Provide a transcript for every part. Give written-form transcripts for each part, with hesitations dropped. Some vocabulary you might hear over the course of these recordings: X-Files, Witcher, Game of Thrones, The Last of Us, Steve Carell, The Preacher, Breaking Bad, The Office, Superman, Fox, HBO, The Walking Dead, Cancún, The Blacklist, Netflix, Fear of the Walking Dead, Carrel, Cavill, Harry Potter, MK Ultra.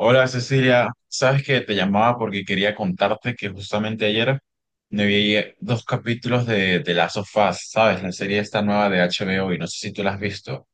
Hola Cecilia, sabes que te llamaba porque quería contarte que justamente ayer me vi dos capítulos de The Last of Us, ¿sabes? La serie esta nueva de HBO y no sé si tú la has visto.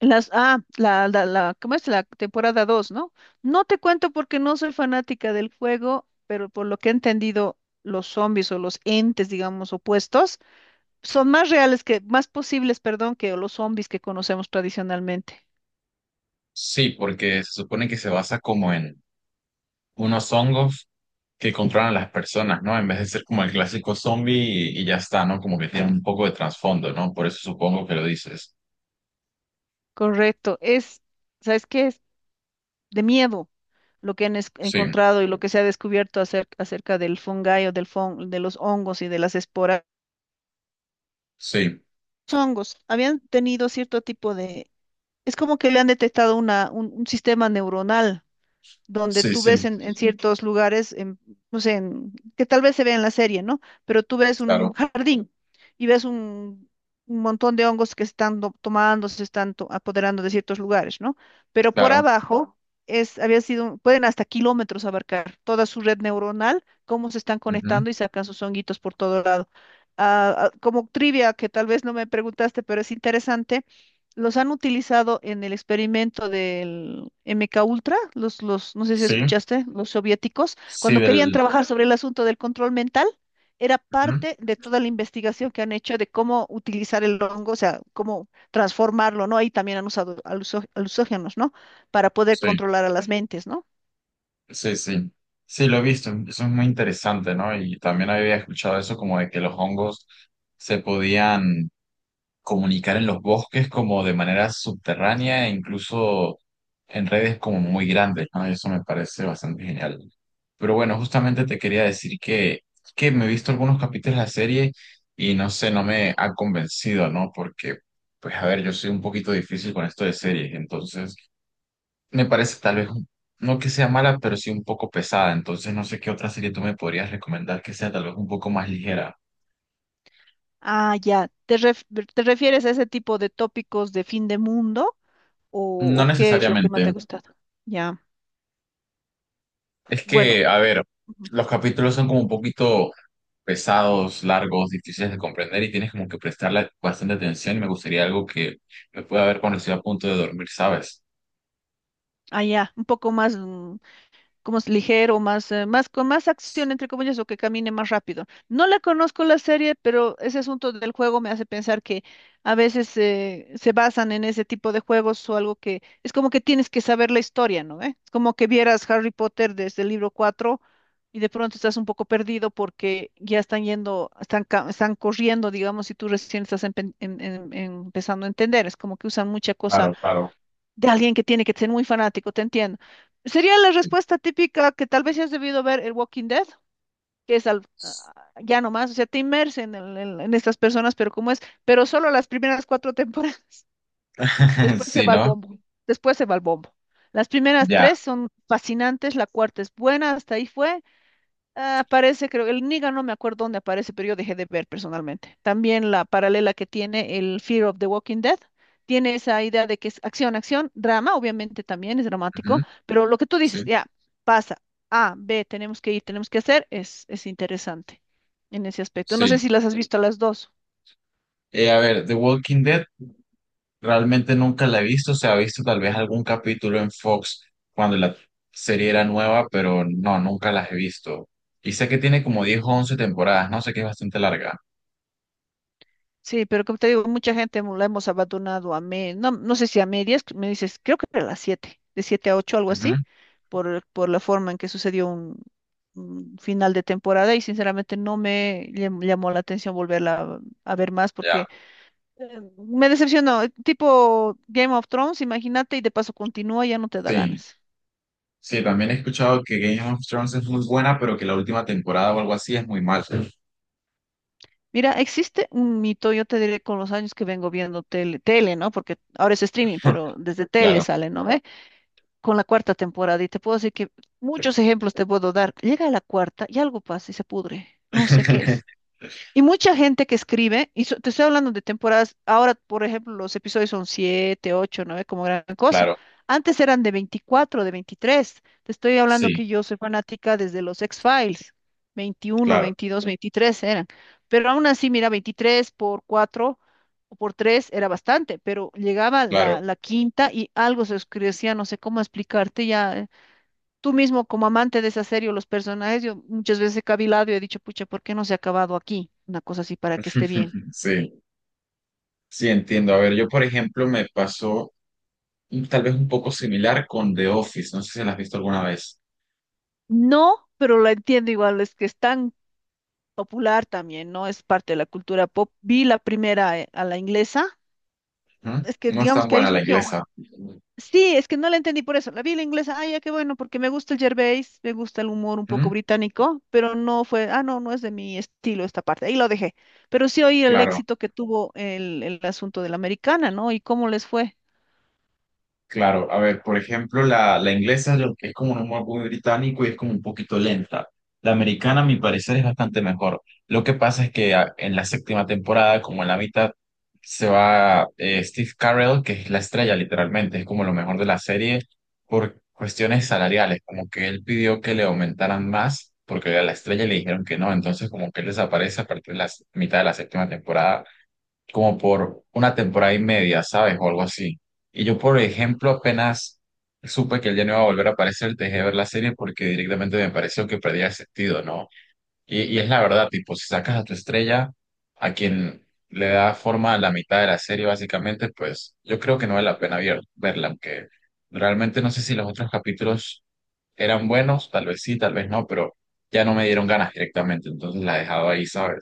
Las, ah, la, ¿Cómo es? La temporada dos, ¿no? No te cuento porque no soy fanática del juego, pero por lo que he entendido, los zombies o los entes, digamos, opuestos, son más reales más posibles, perdón, que los zombies que conocemos tradicionalmente. Sí, porque se supone que se basa como en unos hongos que controlan a las personas, ¿no? En vez de ser como el clásico zombie y ya está, ¿no? Como que tiene un poco de trasfondo, ¿no? Por eso supongo que lo dices. Correcto. ¿Sabes qué? Es de miedo lo que han Sí, encontrado y lo que se ha descubierto acerca del fungi o del de los hongos y de las esporas. sí, Los hongos habían tenido cierto tipo de. Es como que le han detectado un sistema neuronal donde sí, tú ves sí, en ciertos lugares, en, no sé, que tal vez se ve en la serie, ¿no? Pero tú ves un Claro, jardín y ves un montón de hongos que se están tomando, se están apoderando de ciertos lugares, ¿no? Pero por claro. abajo había sido, pueden hasta kilómetros abarcar toda su red neuronal, cómo se están Ujú. conectando y sacan sus honguitos por todo lado. Como trivia que tal vez no me preguntaste, pero es interesante. Los han utilizado en el experimento del MK Ultra, no sé si Sí, escuchaste, los soviéticos, sí, cuando querían del... trabajar sobre el asunto del control mental, era Ujú, parte de toda la investigación que han hecho de cómo utilizar el hongo, o sea, cómo transformarlo, ¿no? Ahí también han usado aluxógenos, ¿no? Para poder sí. controlar a las mentes, ¿no? Sí, sí. Sí, lo he visto. Eso es muy interesante, ¿no? Y también había escuchado eso como de que los hongos se podían comunicar en los bosques como de manera subterránea e incluso en redes como muy grandes, ¿no? Y eso me parece bastante genial. Pero bueno, justamente te quería decir que me he visto algunos capítulos de la serie y no sé, no me ha convencido, ¿no? Porque, pues a ver, yo soy un poquito difícil con esto de series, entonces... Me parece tal vez, un- no que sea mala, pero sí un poco pesada. Entonces no sé qué otra serie tú me podrías recomendar que sea tal vez un poco más ligera. Ah, ya. Te refieres a ese tipo de tópicos de fin de mundo o, No o qué es lo que más te ha necesariamente. gustado? Ya. Es que, Bueno. a ver, Ujú. los capítulos son como un poquito pesados, largos, difíciles de comprender y tienes como que prestarle bastante atención y me gustaría algo que me pueda ver cuando estoy a punto de dormir, ¿sabes? Ah, ya, un poco más, como es ligero, más, más, con más acción, entre comillas, o que camine más rápido. No la conozco la serie, pero ese asunto del juego me hace pensar que a veces se basan en ese tipo de juegos o algo que es como que tienes que saber la historia, ¿no? ¿Eh? Es como que vieras Harry Potter desde el libro 4 y de pronto estás un poco perdido porque ya están yendo, están, están corriendo, digamos, y tú recién estás empezando a entender. Es como que usan mucha cosa Claro, claro. de alguien que tiene que ser muy fanático, te entiendo. Sería la respuesta típica que tal vez has debido ver el Walking Dead, que es al, ah, ya nomás, o sea, te inmerses en estas personas, pero como es, pero solo las primeras cuatro temporadas. Después se Sí, va al ¿no? bombo, después se va al bombo. Las primeras Ya. tres son fascinantes, la cuarta es buena, hasta ahí fue. Ah, aparece, creo, el Niga, no me acuerdo dónde aparece, pero yo dejé de ver personalmente. También la paralela que tiene el Fear of the Walking Dead, tiene esa idea de que es acción, acción, drama, obviamente también es Ujú. dramático, pero lo que tú Sí, dices, ya, pasa, A, B, tenemos que ir, tenemos que hacer, es interesante en ese aspecto. No sé sí. si las has visto a las dos. A ver, The Walking Dead. Realmente nunca la he visto, se ha visto tal vez algún capítulo en Fox cuando la serie era nueva, pero no, nunca las he visto. Y sé que tiene como 10 o 11 temporadas, no sé, que es bastante larga. Sí, pero como te digo, mucha gente la hemos abandonado a me, no, no sé si a medias, me dices, creo que a las 7, de 7 a 8, algo Ujú. así, por la forma en que sucedió un final de temporada y sinceramente no me llamó la atención volverla a ver más Ya, porque me decepcionó, tipo Game of Thrones, imagínate, y de paso continúa, ya no te da sí. ganas. Sí, también he escuchado que Game of Thrones es muy buena, pero que la última temporada o algo así es muy mal. Mira, existe un mito, yo te diré con los años que vengo viendo tele, ¿no? Porque ahora es streaming, pero desde tele Claro. sale, ¿no ve? Con la cuarta temporada, y te puedo decir que muchos ejemplos te puedo dar. Llega a la cuarta y algo pasa y se pudre. No sé qué es. Y mucha gente que escribe, y te estoy hablando de temporadas, ahora, por ejemplo, los episodios son 7 8 9 como gran cosa. Claro, Antes eran de veinticuatro, de veintitrés. Te estoy hablando sí, que yo soy fanática desde los X-Files, veintiuno claro, 22 23 eran. Pero aún así, mira, 23 por 4 o por 3 era bastante, pero llegaba claro. La quinta y algo se oscurecía, no sé cómo explicarte ya. Tú mismo, como amante de esa serie o los personajes, yo muchas veces he cavilado y he dicho, pucha, ¿por qué no se ha acabado aquí? Una cosa así para que esté bien. Sí, sí, entiendo. A ver, yo por ejemplo me pasó un- tal vez un poco similar con The Office, no sé si la has visto alguna vez. No, pero la entiendo igual, es que es tan popular también, ¿no? Es parte de la cultura pop. Vi la primera, a la inglesa, ¿Mm? es que No es digamos tan que ahí buena la surgió. inglesa. Sí, es que no la entendí por eso. La vi la inglesa, ay, ya qué bueno, porque me gusta el Gervais, me gusta el humor un poco ¿Mm? británico, pero no fue, no es de mi estilo esta parte. Ahí lo dejé. Pero sí oí el Claro, éxito que tuvo el asunto de la americana, ¿no? Y cómo les fue. claro. A ver, por ejemplo, la inglesa yo- que es como un humor muy británico y es como un poquito lenta. La americana, a mi parecer, es bastante mejor. Lo que pasa es que a- en la séptima temporada, como en la mitad, se va Steve Carell, que es la estrella literalmente, es como lo mejor de la serie, por cuestiones salariales, como que él pidió que le aumentaran más, porque era la estrella y le dijeron que no, entonces como que él desaparece a partir de la s- mitad de la séptima temporada como por una temporada y media, ¿sabes? O algo así. Y yo, por ejemplo, apenas supe que él ya no iba a volver a aparecer, dejé de ver la serie porque directamente me pareció que perdía el sentido, ¿no? Y es la verdad, tipo, si sacas a tu estrella, a quien le da forma a la mitad de la serie, básicamente, pues yo creo que no vale la pena ver- verla, aunque realmente no sé si los otros capítulos eran buenos, tal vez sí, tal vez no, pero ya no me dieron ganas directamente, entonces la he dejado ahí, ¿sabes?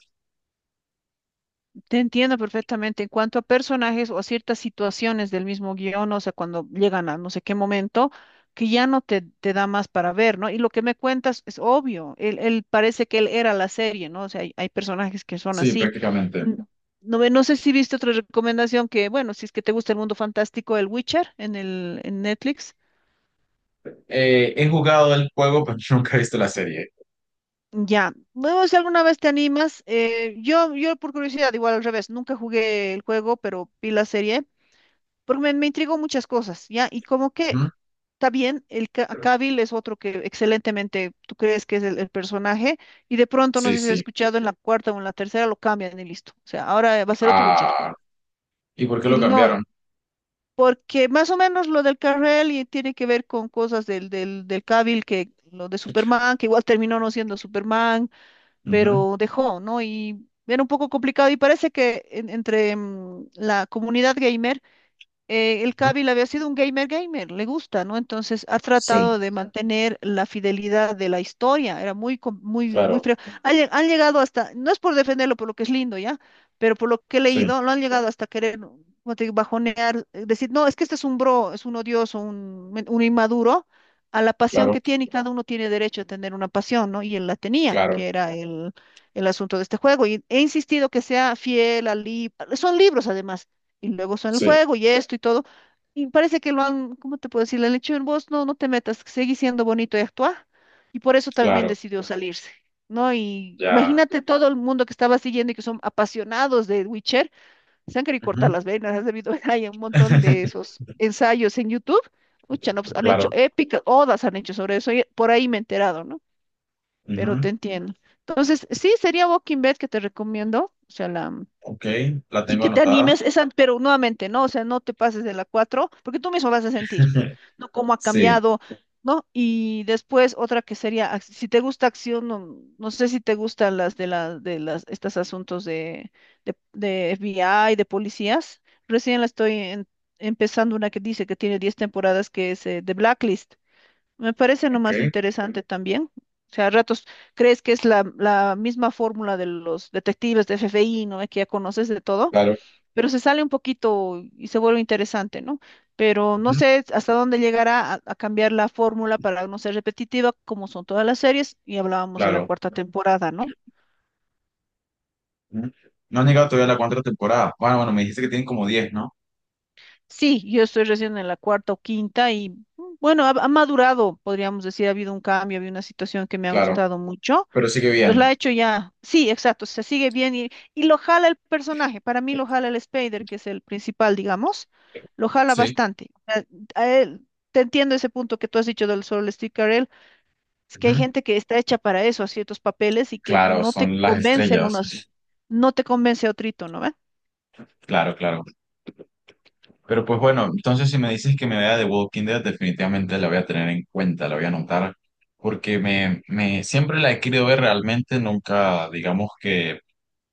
Te entiendo perfectamente. En cuanto a personajes o a ciertas situaciones del mismo guión, o sea, cuando llegan a no sé qué momento, que ya no te da más para ver, ¿no? Y lo que me cuentas es obvio. Él parece que él era la serie, ¿no? O sea, hay personajes que son Sí, así. prácticamente. N- no sé si viste otra recomendación que, bueno, si es que te gusta el mundo fantástico, el Witcher en el en Netflix. He jugado el juego, pero nunca he visto la serie. Ya, bueno, si alguna vez te animas, yo por curiosidad, igual al revés, nunca jugué el juego, pero vi la serie. Porque me intrigó muchas cosas, ¿ya? Y como que Ujú. está bien, el Cavill es otro que excelentemente tú crees que es el personaje, y de pronto, no Sí, sé si has sí. escuchado, en la cuarta o en la tercera lo cambian y listo. O sea, ahora va a ser otro Witcher. Ah, ¿y por qué Y lo no, cambiaron? porque más o menos lo del Carrel y tiene que ver con cosas del Cavill, que lo de Superman, que igual terminó no siendo Superman, Ujú, pero dejó, ¿no? Y era un poco complicado y parece que entre la comunidad gamer, el ujú. Kabil había sido un gamer gamer, le gusta, ¿no? Entonces ha tratado Sí, de mantener la fidelidad de la historia, era muy, muy, muy claro, frío. Han llegado hasta, no es por defenderlo, por lo que es lindo, ¿ya? Pero por lo que he sí, leído, lo han llegado hasta querer, ¿no?, como te digo, bajonear, decir, no, es que este es un bro, es un odioso, un, un inmaduro, a la pasión claro, que tiene, y cada uno tiene derecho a tener una pasión, ¿no? Y él la tenía, claro, que era el... El asunto de este juego y he insistido que sea fiel al libro, son libros además, y luego son el sí, juego y esto y todo. Y parece que lo han, ¿cómo te puedo decir? Le han hecho en voz no, no te metas, seguí siendo bonito y actúa. Y por eso también claro, decidió salirse, ¿no? Y ya. imagínate todo el mundo que estaba siguiendo y que son apasionados de Witcher, se han querido cortar Ujú. las venas, has debido ver ahí un montón de esos ensayos en YouTube. Ucha, no, pues, han hecho Claro. épicas, odas han hecho sobre eso, y por ahí me he enterado, ¿no? Pero te Ujú. entiendo. Entonces, sí, sería Walking Dead que te recomiendo, o sea, la... Ok, la Sí tengo que te anotada. animes, esa, pero nuevamente, ¿no? O sea, no te pases de la 4 porque tú mismo vas a sentir, ¿no?, cómo ha Sí, cambiado, ¿no? Y después otra que sería, si te gusta acción, no, no sé si te gustan las estos asuntos de FBI, de policías. Recién la estoy empezando una que dice que tiene 10 temporadas, que es The Blacklist. Me parece ok, nomás interesante también. O sea, a ratos crees que es la misma fórmula de los detectives de FBI, ¿no? Que ya conoces de todo, claro, pero se sale un poquito y se vuelve interesante, ¿no? Pero no ujú, sé hasta dónde llegará a cambiar la fórmula para no ser repetitiva, como son todas las series, y hablábamos de la claro. cuarta temporada, ¿no? Ujú. No han llegado todavía a la cuarta temporada. Bueno, bueno, me dijiste que tienen como 10, ¿no? Sí, yo estoy recién en la cuarta o quinta y bueno, ha madurado, podríamos decir, ha habido un cambio, ha habido una situación que me ha Claro, gustado mucho. pero sigue Entonces la bien. ha hecho ya, sí, exacto, se sigue bien y lo jala el personaje, para mí lo jala el Spider, que es el principal, digamos, lo jala Sí. bastante. O sea, a él- te entiendo ese punto que tú has dicho del solo Steve Carell, es que hay Ujú. gente que está hecha para eso, a ciertos papeles y que Claro, no te son las convencen estrellas. unos, no te convence otrito, ¿no ve? Claro, claro. Pero pues bueno, entonces si me dices que me vea The Walking Dead, definitivamente la voy a tener en cuenta, la voy a anotar, porque me siempre la he querido ver realmente, nunca digamos que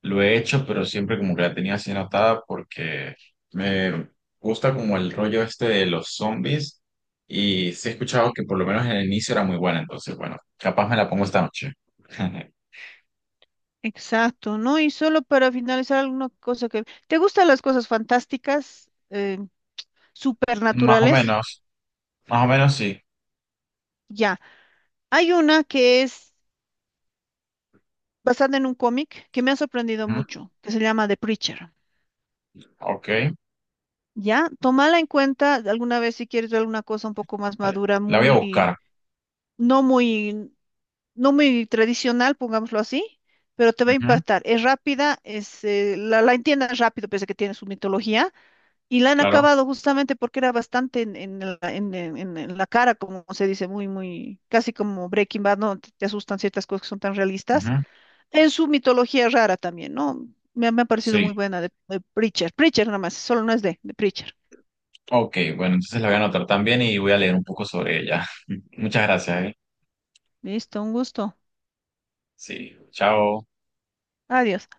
lo he hecho, pero siempre como que la tenía así anotada porque me gusta como el rollo este de los zombies y sí he escuchado que por lo menos en el inicio era muy buena, entonces bueno, capaz me la pongo esta noche. Exacto, ¿no? Y solo para finalizar alguna cosa que... ¿Te gustan las cosas fantásticas, Más o supernaturales? menos, más o menos sí. Ya. Hay una que es basada en un cómic que me ha sorprendido Ujú. mucho, que se llama The Preacher. Ok, ¿Ya? Tómala en cuenta alguna vez si quieres ver alguna cosa un poco más vale. madura, La voy a muy, buscar. no muy, no muy tradicional, pongámoslo así, pero te va a Ujú. impactar. Es rápida, es, la entiendes rápido, pese a que tiene su mitología, y la han Claro. acabado justamente porque era bastante en la cara, como se dice, muy, muy, casi como Breaking Bad, ¿no? Te asustan ciertas cosas que son tan realistas. Ujú. En su mitología rara también, ¿no? Me ha parecido Sí. muy buena de Preacher. Preacher nada más, solo no es de Preacher. Ok, bueno, entonces la voy a anotar también y voy a leer un poco sobre ella. Muchas gracias, ¿eh? Listo, un gusto. Sí, chao. Adiós.